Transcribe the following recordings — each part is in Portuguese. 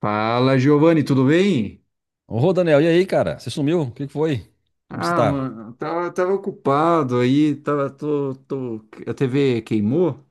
Fala, Giovanni, tudo bem? Ô, Daniel, e aí, cara? Você sumiu? O que que foi? Como você Ah, tá? mano, tava ocupado aí, tô, a TV queimou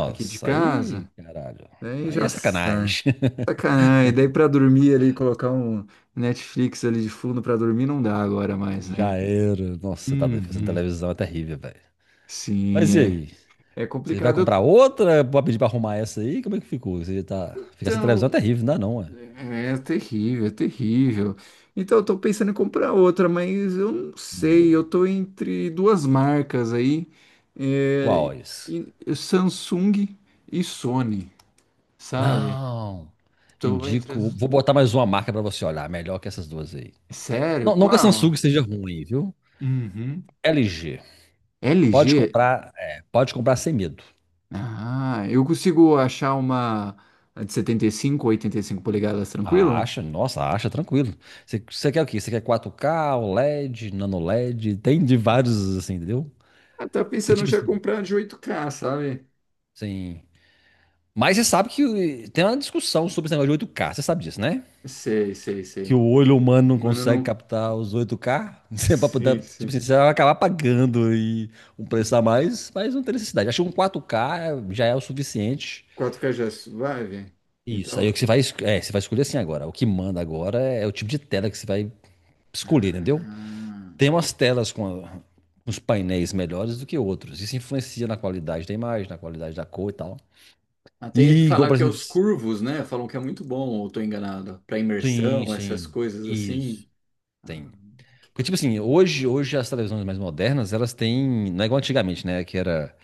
aqui de aí, casa, caralho. daí Aí é já sabe. sacanagem. Sacanagem, daí pra dormir ali, colocar um Netflix ali de fundo pra dormir não dá agora mais, Já né? era. Nossa, você tá doido. Ficar sem Uhum. televisão é terrível, velho. Sim, Mas e aí? é, é Você vai comprar complicado. outra pra pedir pra arrumar essa aí? Como é que ficou? Você tá. Ficar sem televisão é Então, terrível, não é não, é? é, é terrível, é terrível. Então, eu tô pensando em comprar outra, mas eu não sei. Eu Hum, tô entre duas marcas aí, é, quais? e Samsung e Sony, sabe? Não. Tô entre Indico. as... Vou botar mais uma marca pra você olhar. Melhor que essas duas aí. Sério? Não, não que a Qual? Samsung seja ruim, viu? Uhum. LG. Pode LG? comprar, é, pode comprar sem medo. Ah, eu consigo achar uma de 75 ou cinco polegadas A tranquila? Acha, nossa, a Acha, tranquilo. Você quer o quê? Você quer 4K OLED, nano LED? Tem de vários, assim, entendeu? Ah, tá Porque, pensando tipo já assim, comprar de oito k, sabe? sem. Mas você sabe que tem uma discussão sobre esse negócio de 8K você sabe disso, né? Sei, sei, Que sei. o olho humano não Mano, eu consegue não. captar os 8K Você, Sim, tipo assim, sim. você vai acabar pagando e um preço a mais, mas não tem necessidade. Acho que um 4K já é o suficiente. Kotka já suave? Isso, aí Então. o que você vai, é, você vai escolher assim agora. O que manda agora é o tipo de tela que você vai escolher, entendeu? Ah, Tem umas telas uns painéis melhores do que outros. Isso influencia na qualidade da imagem, na qualidade da cor e tal. ah, tem que E igual, falar por que é exemplo. os curvos, né? Falam que é muito bom, ou tô enganado. Para Sim, imersão, essas sim. coisas assim. Isso. Ah, Tem. que Porque, tipo assim, bacana. hoje, hoje as televisões mais modernas, elas têm. Não é igual antigamente, né? Que era.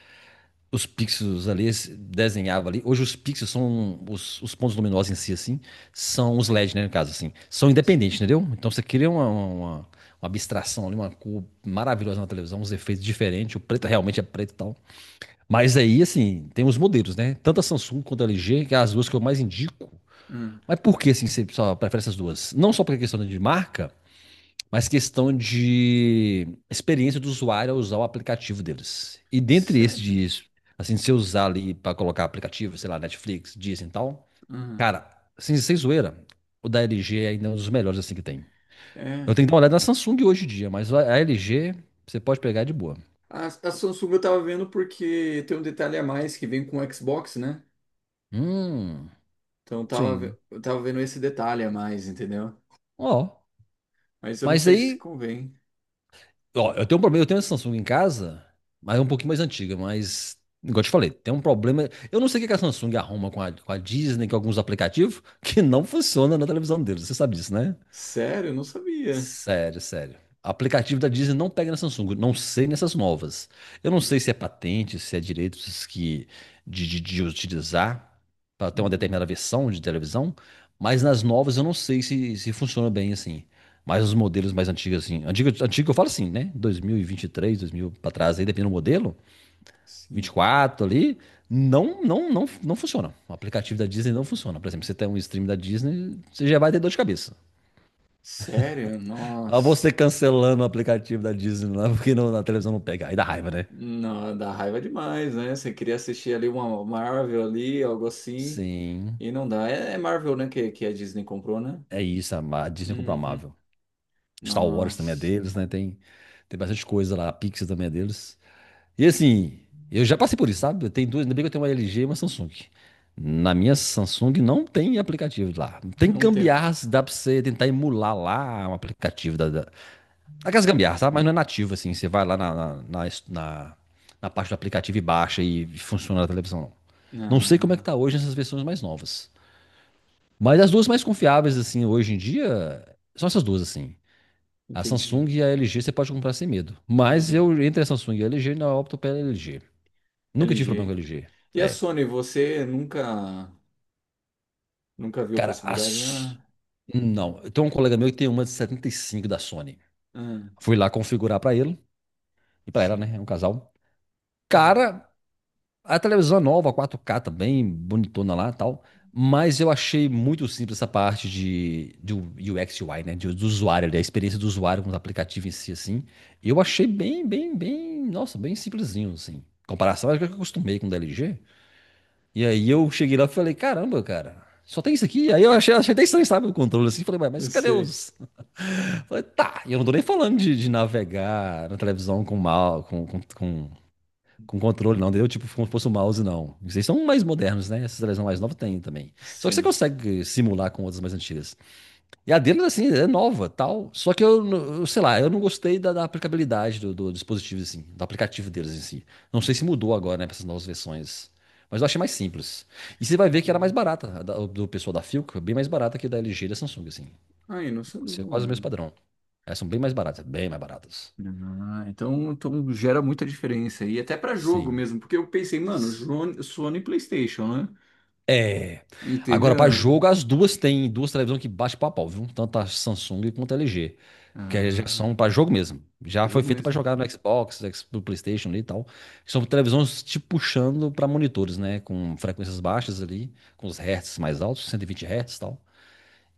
Os pixels ali se desenhava ali. Hoje os pixels são. Os pontos luminosos em si, assim. São os LEDs, né? No caso, assim. São Sim. independentes, entendeu? Então você cria uma abstração ali, uma cor maravilhosa na televisão, uns efeitos diferentes. O preto realmente é preto e tal. Mas aí, assim, tem os modelos, né? Tanto a Samsung quanto a LG, que é as duas que eu mais indico. Hum, Mas por que, assim, você só prefere essas duas? Não só porque é questão de marca, mas questão de experiência do usuário ao usar o aplicativo deles. E dentre esses sério? de, assim, se eu usar ali para colocar aplicativo, sei lá, Netflix, Disney e tal, Hum, cara, assim, sem zoeira, o da LG ainda é ainda um dos melhores, assim, que tem. Eu é. tenho que dar uma olhada na Samsung hoje em dia, mas a LG você pode pegar de boa. A Samsung eu tava vendo porque tem um detalhe a mais que vem com o Xbox, né? Hum, Então eu tava, sim. eu tava vendo esse detalhe a mais, entendeu? Ó, Mas eu não mas sei se aí convém. Ó, eu tenho um problema, eu tenho essa Samsung em casa, mas é um pouquinho mais antiga, mas, igual eu te falei, tem um problema. Eu não sei o que que a Samsung arruma com a Disney, com alguns aplicativos, que não funciona na televisão deles. Você sabe disso, né? Sério? Eu não sabia. Sério, sério. Aplicativo da Disney não pega na Samsung, não sei nessas novas. Eu não sei se é patente, se é direitos que de utilizar para ter uma Hum, determinada versão de televisão, mas nas novas eu não sei se, se funciona bem assim. Mas os modelos mais antigos, assim, antigo, antigo eu falo assim, né? 2023, 2000 para trás, aí depende do modelo, sim. 24 ali, não, não, não, não funciona. O aplicativo da Disney não funciona. Por exemplo, você tem um stream da Disney, você já vai ter dor de cabeça. Sério? A você Nossa. cancelando o aplicativo da Disney lá, porque na televisão não pega. Aí dá raiva, né? Não, dá raiva demais, né? Você queria assistir ali uma Marvel ali, algo assim, Sim, e não dá. É, é Marvel, né, que a Disney comprou, né? é isso. A Disney comprou a Uhum. Marvel. Star Wars também é Nossa, deles, né? Tem, tem bastante coisa lá. A Pixar também é deles. E assim, eu já passei por isso, sabe? Eu tenho duas, ainda bem que eu tenho uma LG e uma Samsung. Na minha Samsung não tem aplicativo lá. Tem não tem. gambiarras, dá pra você tentar emular lá um aplicativo da, da. Aquelas gambiarras, sabe? Mas não é nativo, assim. Você vai lá na- na parte do aplicativo e baixa e funciona na televisão. Não sei como é que Ah, tá hoje nessas versões mais novas. Mas as duas mais confiáveis, assim, hoje em dia, são essas duas, assim. A Samsung entendi. e a LG você pode comprar sem medo. E Mas ele, eu, entre a Samsung e a LG, ainda opto pela LG. Nunca tive problema LG. com a LG. E a É. Sony, você nunca, nunca viu a Cara, a. possibilidade, né? S- Não. Tem um colega meu que tem uma de 75 da Sony. Ah, Fui lá configurar pra ele e pra ela, sim. né? É um casal. Hum. Cara, a televisão é nova, 4K também, bonitona lá e tal. Mas eu achei muito simples essa parte de, do UX UI, né? Do usuário, ali, a experiência do usuário com os aplicativos em si, assim. Eu achei bem, bem, bem, nossa, bem simplesinho, assim. Em comparação, acho que eu acostumei com o da LG. E aí eu cheguei lá e falei, caramba, cara, só tem isso aqui? Aí eu achei, achei até estranho, sabe, o controle, assim. Falei, "Ué, Eu mas cadê sei. os... Falei, tá, e eu não tô nem falando de navegar na televisão com mal, com controle, não, entendeu? Tipo, como se fosse um mouse, não. Vocês são mais modernos, né? Essas televisões mais novas tem também. Só que você Sim. consegue simular com outras mais antigas. E a deles, assim, é nova, tal. Só que eu sei lá, eu não gostei da, da aplicabilidade do, do dispositivo, assim, do aplicativo deles em si. Não sei se mudou agora, né, para essas novas versões. Mas eu achei mais simples. E você vai ver que era mais Entendi. barata, a do pessoal da Philco, bem mais barata que da LG e da Samsung, assim. Ai, não sabia, Isso é quase o mesmo né? padrão. Elas são bem mais baratas, bem mais baratas. Ah, então, então gera muita diferença. E até pra jogo Sim. mesmo, porque eu pensei, mano, Sony e PlayStation, né? É. Agora, para Entendeu? jogo, as duas têm duas televisões que bate pau a pau, viu? Tanto a Samsung quanto a LG. Que aí já são Ah, para jogo mesmo. Já foi jogo feita para mesmo. jogar no Xbox, no PlayStation ali e tal. São televisões te puxando para monitores, né? Com frequências baixas ali, com os hertz mais altos, 120 hertz e tal.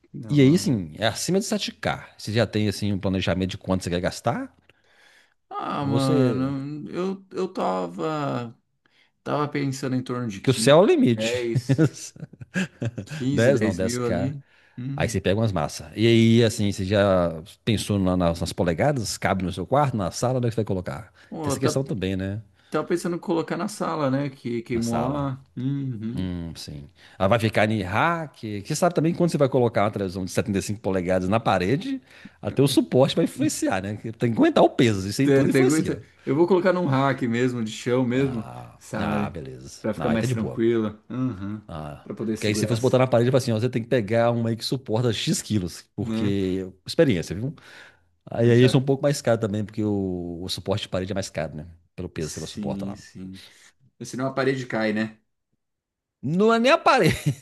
Que da E aí, hora. sim, é acima de 7K. Você já tem, assim, um planejamento de quanto você quer gastar? Ah, Ou você. mano, eu tava, tava pensando em torno de Que o 15, céu é o limite. 10 15 10 não, 10 mil 10K. ali. Aí você Hum. pega umas massas. E aí, assim, você já pensou nas, nas polegadas? Cabe no seu quarto, na sala, onde é que você vai colocar? Tem Pô, eu essa tá, questão também, né? tava pensando em colocar na sala, né? Que Na queimou sala. lá. Uhum. Sim. Ela vai ficar em rack. Você sabe também que quando você vai colocar uma televisão de 75 polegadas na parede, até o suporte vai influenciar, né? Que tem que aguentar o peso, isso aí tudo influencia. Eu vou colocar num rack mesmo, de chão mesmo, sabe? Beleza. Pra ficar Ah, aí tá mais de boa. tranquilo. Uhum. Ah. Pra poder Porque aí se segurar, fosse botar na parede, eu assim, ó, você tem que pegar uma aí que suporta X quilos, né? porque experiência, viu? Aí, Eu aí isso é um já. pouco mais caro também, porque o suporte de parede é mais caro, né? Pelo peso que ela suporta Sim, lá. sim. Senão a parede cai, né? Não é nem a parede.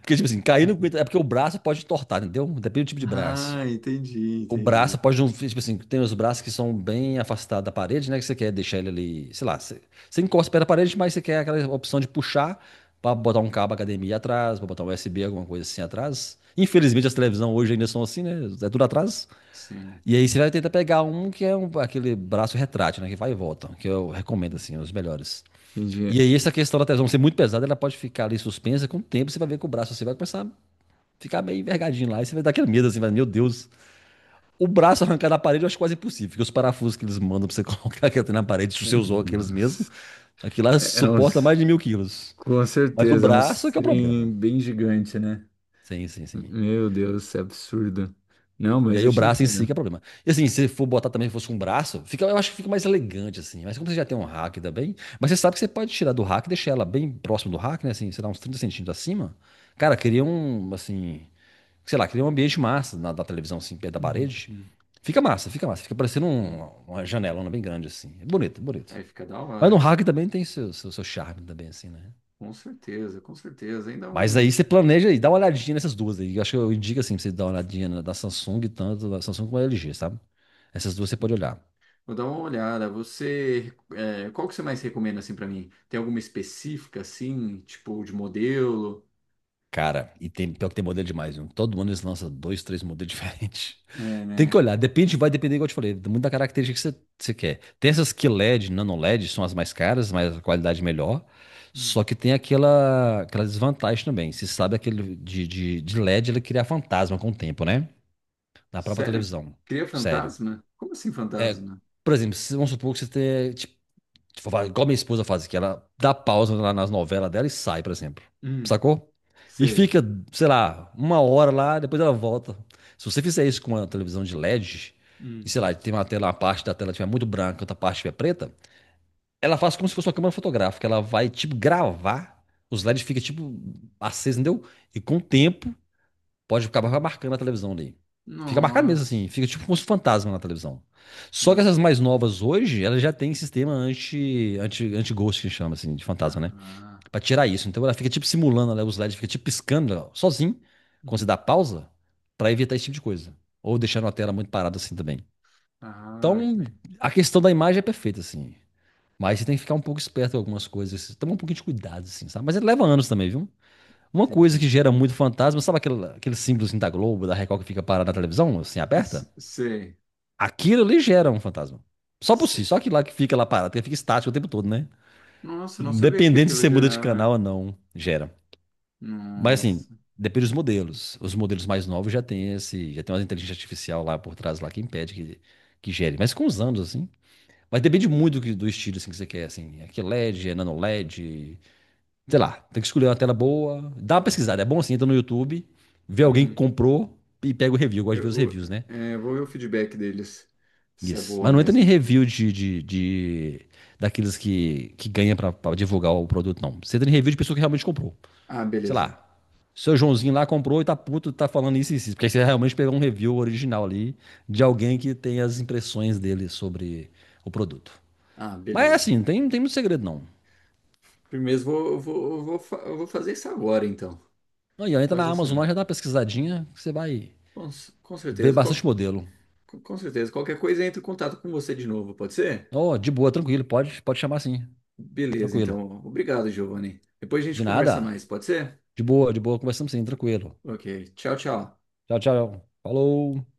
Porque, tipo assim, cair não aguenta. É porque o braço pode entortar, entendeu? Depende do tipo de braço. Ah, entendi, O braço entendi. pode não. Tipo assim, tem os braços que são bem afastados da parede, né? Que você quer deixar ele ali. Sei lá, você, você encosta perto da parede, mas você quer aquela opção de puxar pra botar um cabo HDMI atrás, pra botar um USB, alguma coisa assim atrás. Infelizmente as televisões hoje ainda são assim, né? É tudo atrás. Sim. E aí você vai tentar pegar um que é aquele braço retrátil, né? Que vai e volta, que eu recomendo, assim, os melhores. E Entendi. aí essa questão da tesão ser muito pesada, ela pode ficar ali suspensa, com o tempo você vai ver que o braço assim vai começar a ficar meio envergadinho lá, e você vai dar aquele medo, assim, vai, meu Deus. O braço arrancar da parede eu acho quase impossível, porque os parafusos que eles mandam pra você colocar aquilo na parede, se É, você usou aqueles mesmo, nossa. aquilo lá É- é suporta uns... mais de 1.000 quilos. Com Mas o certeza, é um braço é que é o problema. trem bem gigante, né? Sim, sim, sim. Meu Deus, isso é absurdo. Não, E mas aí eu o te braço em si que entendo. é problema. E assim, se for botar também, se fosse um braço, fica, eu acho que fica mais elegante, assim. Mas como você já tem um rack também, mas você sabe que você pode tirar do rack e deixar ela bem próximo do rack, né? Assim, sei lá, uns 30 centímetros acima. Cara, cria um, assim, sei lá, cria um ambiente massa na, da televisão, assim, perto da parede. Uhum. Fica massa, fica massa. Fica parecendo um, uma janelona bem grande, assim. É bonito, é bonito. Aí fica da Mas no hora. rack também tem seu charme também, assim, né? Com certeza, com certeza. Ainda Mas um. aí você planeja e dá uma olhadinha nessas duas aí. Eu acho que eu indico assim pra você dar uma olhadinha na da Samsung, tanto da Samsung como da LG, sabe? Essas duas você pode olhar. Vou dar uma olhada. Você, é, qual que você mais recomenda assim para mim? Tem alguma específica assim, tipo de modelo? Cara, e tem, pior que tem modelo demais, viu? Todo ano eles lançam dois, três modelos diferentes. É, Tem que né? olhar, depende, vai depender, igual eu te falei, muito da característica que você quer. Tem essas que LED, nano LED, são as mais caras, mas a qualidade melhor. Hum. Só que tem aquela desvantagem também. Você sabe aquele de LED, ele cria fantasma com o tempo, né? Na própria Sério? televisão. Cria Sério. fantasma? Como assim É, fantasma? por exemplo, vamos supor que você tem, tipo, igual minha esposa faz, que ela dá pausa lá nas novelas dela e sai, por exemplo. Hum, Sacou? E sei. fica, sei lá, uma hora lá, depois ela volta. Se você fizer isso com uma televisão de LED, e Hum. sei lá, tem uma tela, uma parte da tela que estiver muito branca, outra parte estiver preta, ela faz como se fosse uma câmera fotográfica. Ela vai, tipo, gravar, os LEDs ficam, tipo, acesos, entendeu? E com o tempo, pode acabar marcando na televisão ali. Fica marcado mesmo assim, Nossa. fica tipo como se fosse um fantasma na televisão. Só que Não. essas mais novas hoje, elas já têm sistema anti-ghost, que chama assim, de fantasma, né? Ah, Pra tirar isso. Então ela fica tipo simulando, né, os LEDs, fica tipo piscando ó, sozinho, quando você hum. dá pausa, pra evitar esse tipo de coisa. Ou deixando a tela muito parada assim também. Ah, que Então, legal. a questão da imagem é perfeita, assim. Mas você tem que ficar um pouco esperto com algumas coisas, tomar um pouquinho de cuidado, assim, sabe? Mas ele leva anos também, viu? Uma coisa Entendi. que gera muito fantasma, sabe aquele símbolo assim da Globo, da Record que fica parado na televisão, assim, aberta? S- sei. Aquilo ali gera um fantasma. Só por si, Se- só aquilo lá que fica lá parado, que fica estático o tempo todo, né? Nossa, eu não sabia que Independente se aquilo você muda de canal gerava. ou não, gera. Mas assim, Nossa. depende dos modelos. Os modelos mais novos já tem esse, já tem uma inteligência artificial lá por trás lá que impede que gere. Mas com os anos, assim. Mas depende muito do, do estilo assim, que você quer, assim. É que LED, é nano LED, sei lá, tem que escolher uma tela boa. Dá uma pesquisada, é bom assim, entra no YouTube, vê alguém que comprou e pega o review. Eu gosto de ver os Eu, reviews, né? é, vou ver o feedback deles, se é Isso. boa Mas não entra nem mesmo. review daqueles que ganha pra, pra divulgar o produto, não. Você entra em review de pessoa que realmente comprou. Ah, Sei beleza. lá, seu Joãozinho lá comprou e tá puto, tá falando isso e isso. Porque aí você realmente pegou um review original ali de alguém que tem as impressões dele sobre o produto. Ah, Mas é beleza. assim, não tem, não tem muito segredo, não. Primeiro, eu vou fazer isso agora, então. Aí, ó, entra na Fazer isso Amazon lá, agora. já dá uma pesquisadinha, que você vai Com ver certeza. bastante Qualquer, modelo. com certeza. Qualquer coisa, entro em contato com você de novo, pode ser? Oh, de boa, tranquilo. Pode, pode chamar sim. Beleza, Tranquilo. então. Obrigado, Giovanni. Depois a gente De conversa nada. mais, pode ser? De boa, de boa. Conversamos sim, tranquilo. Ok. Tchau, tchau. Tchau, tchau. Falou.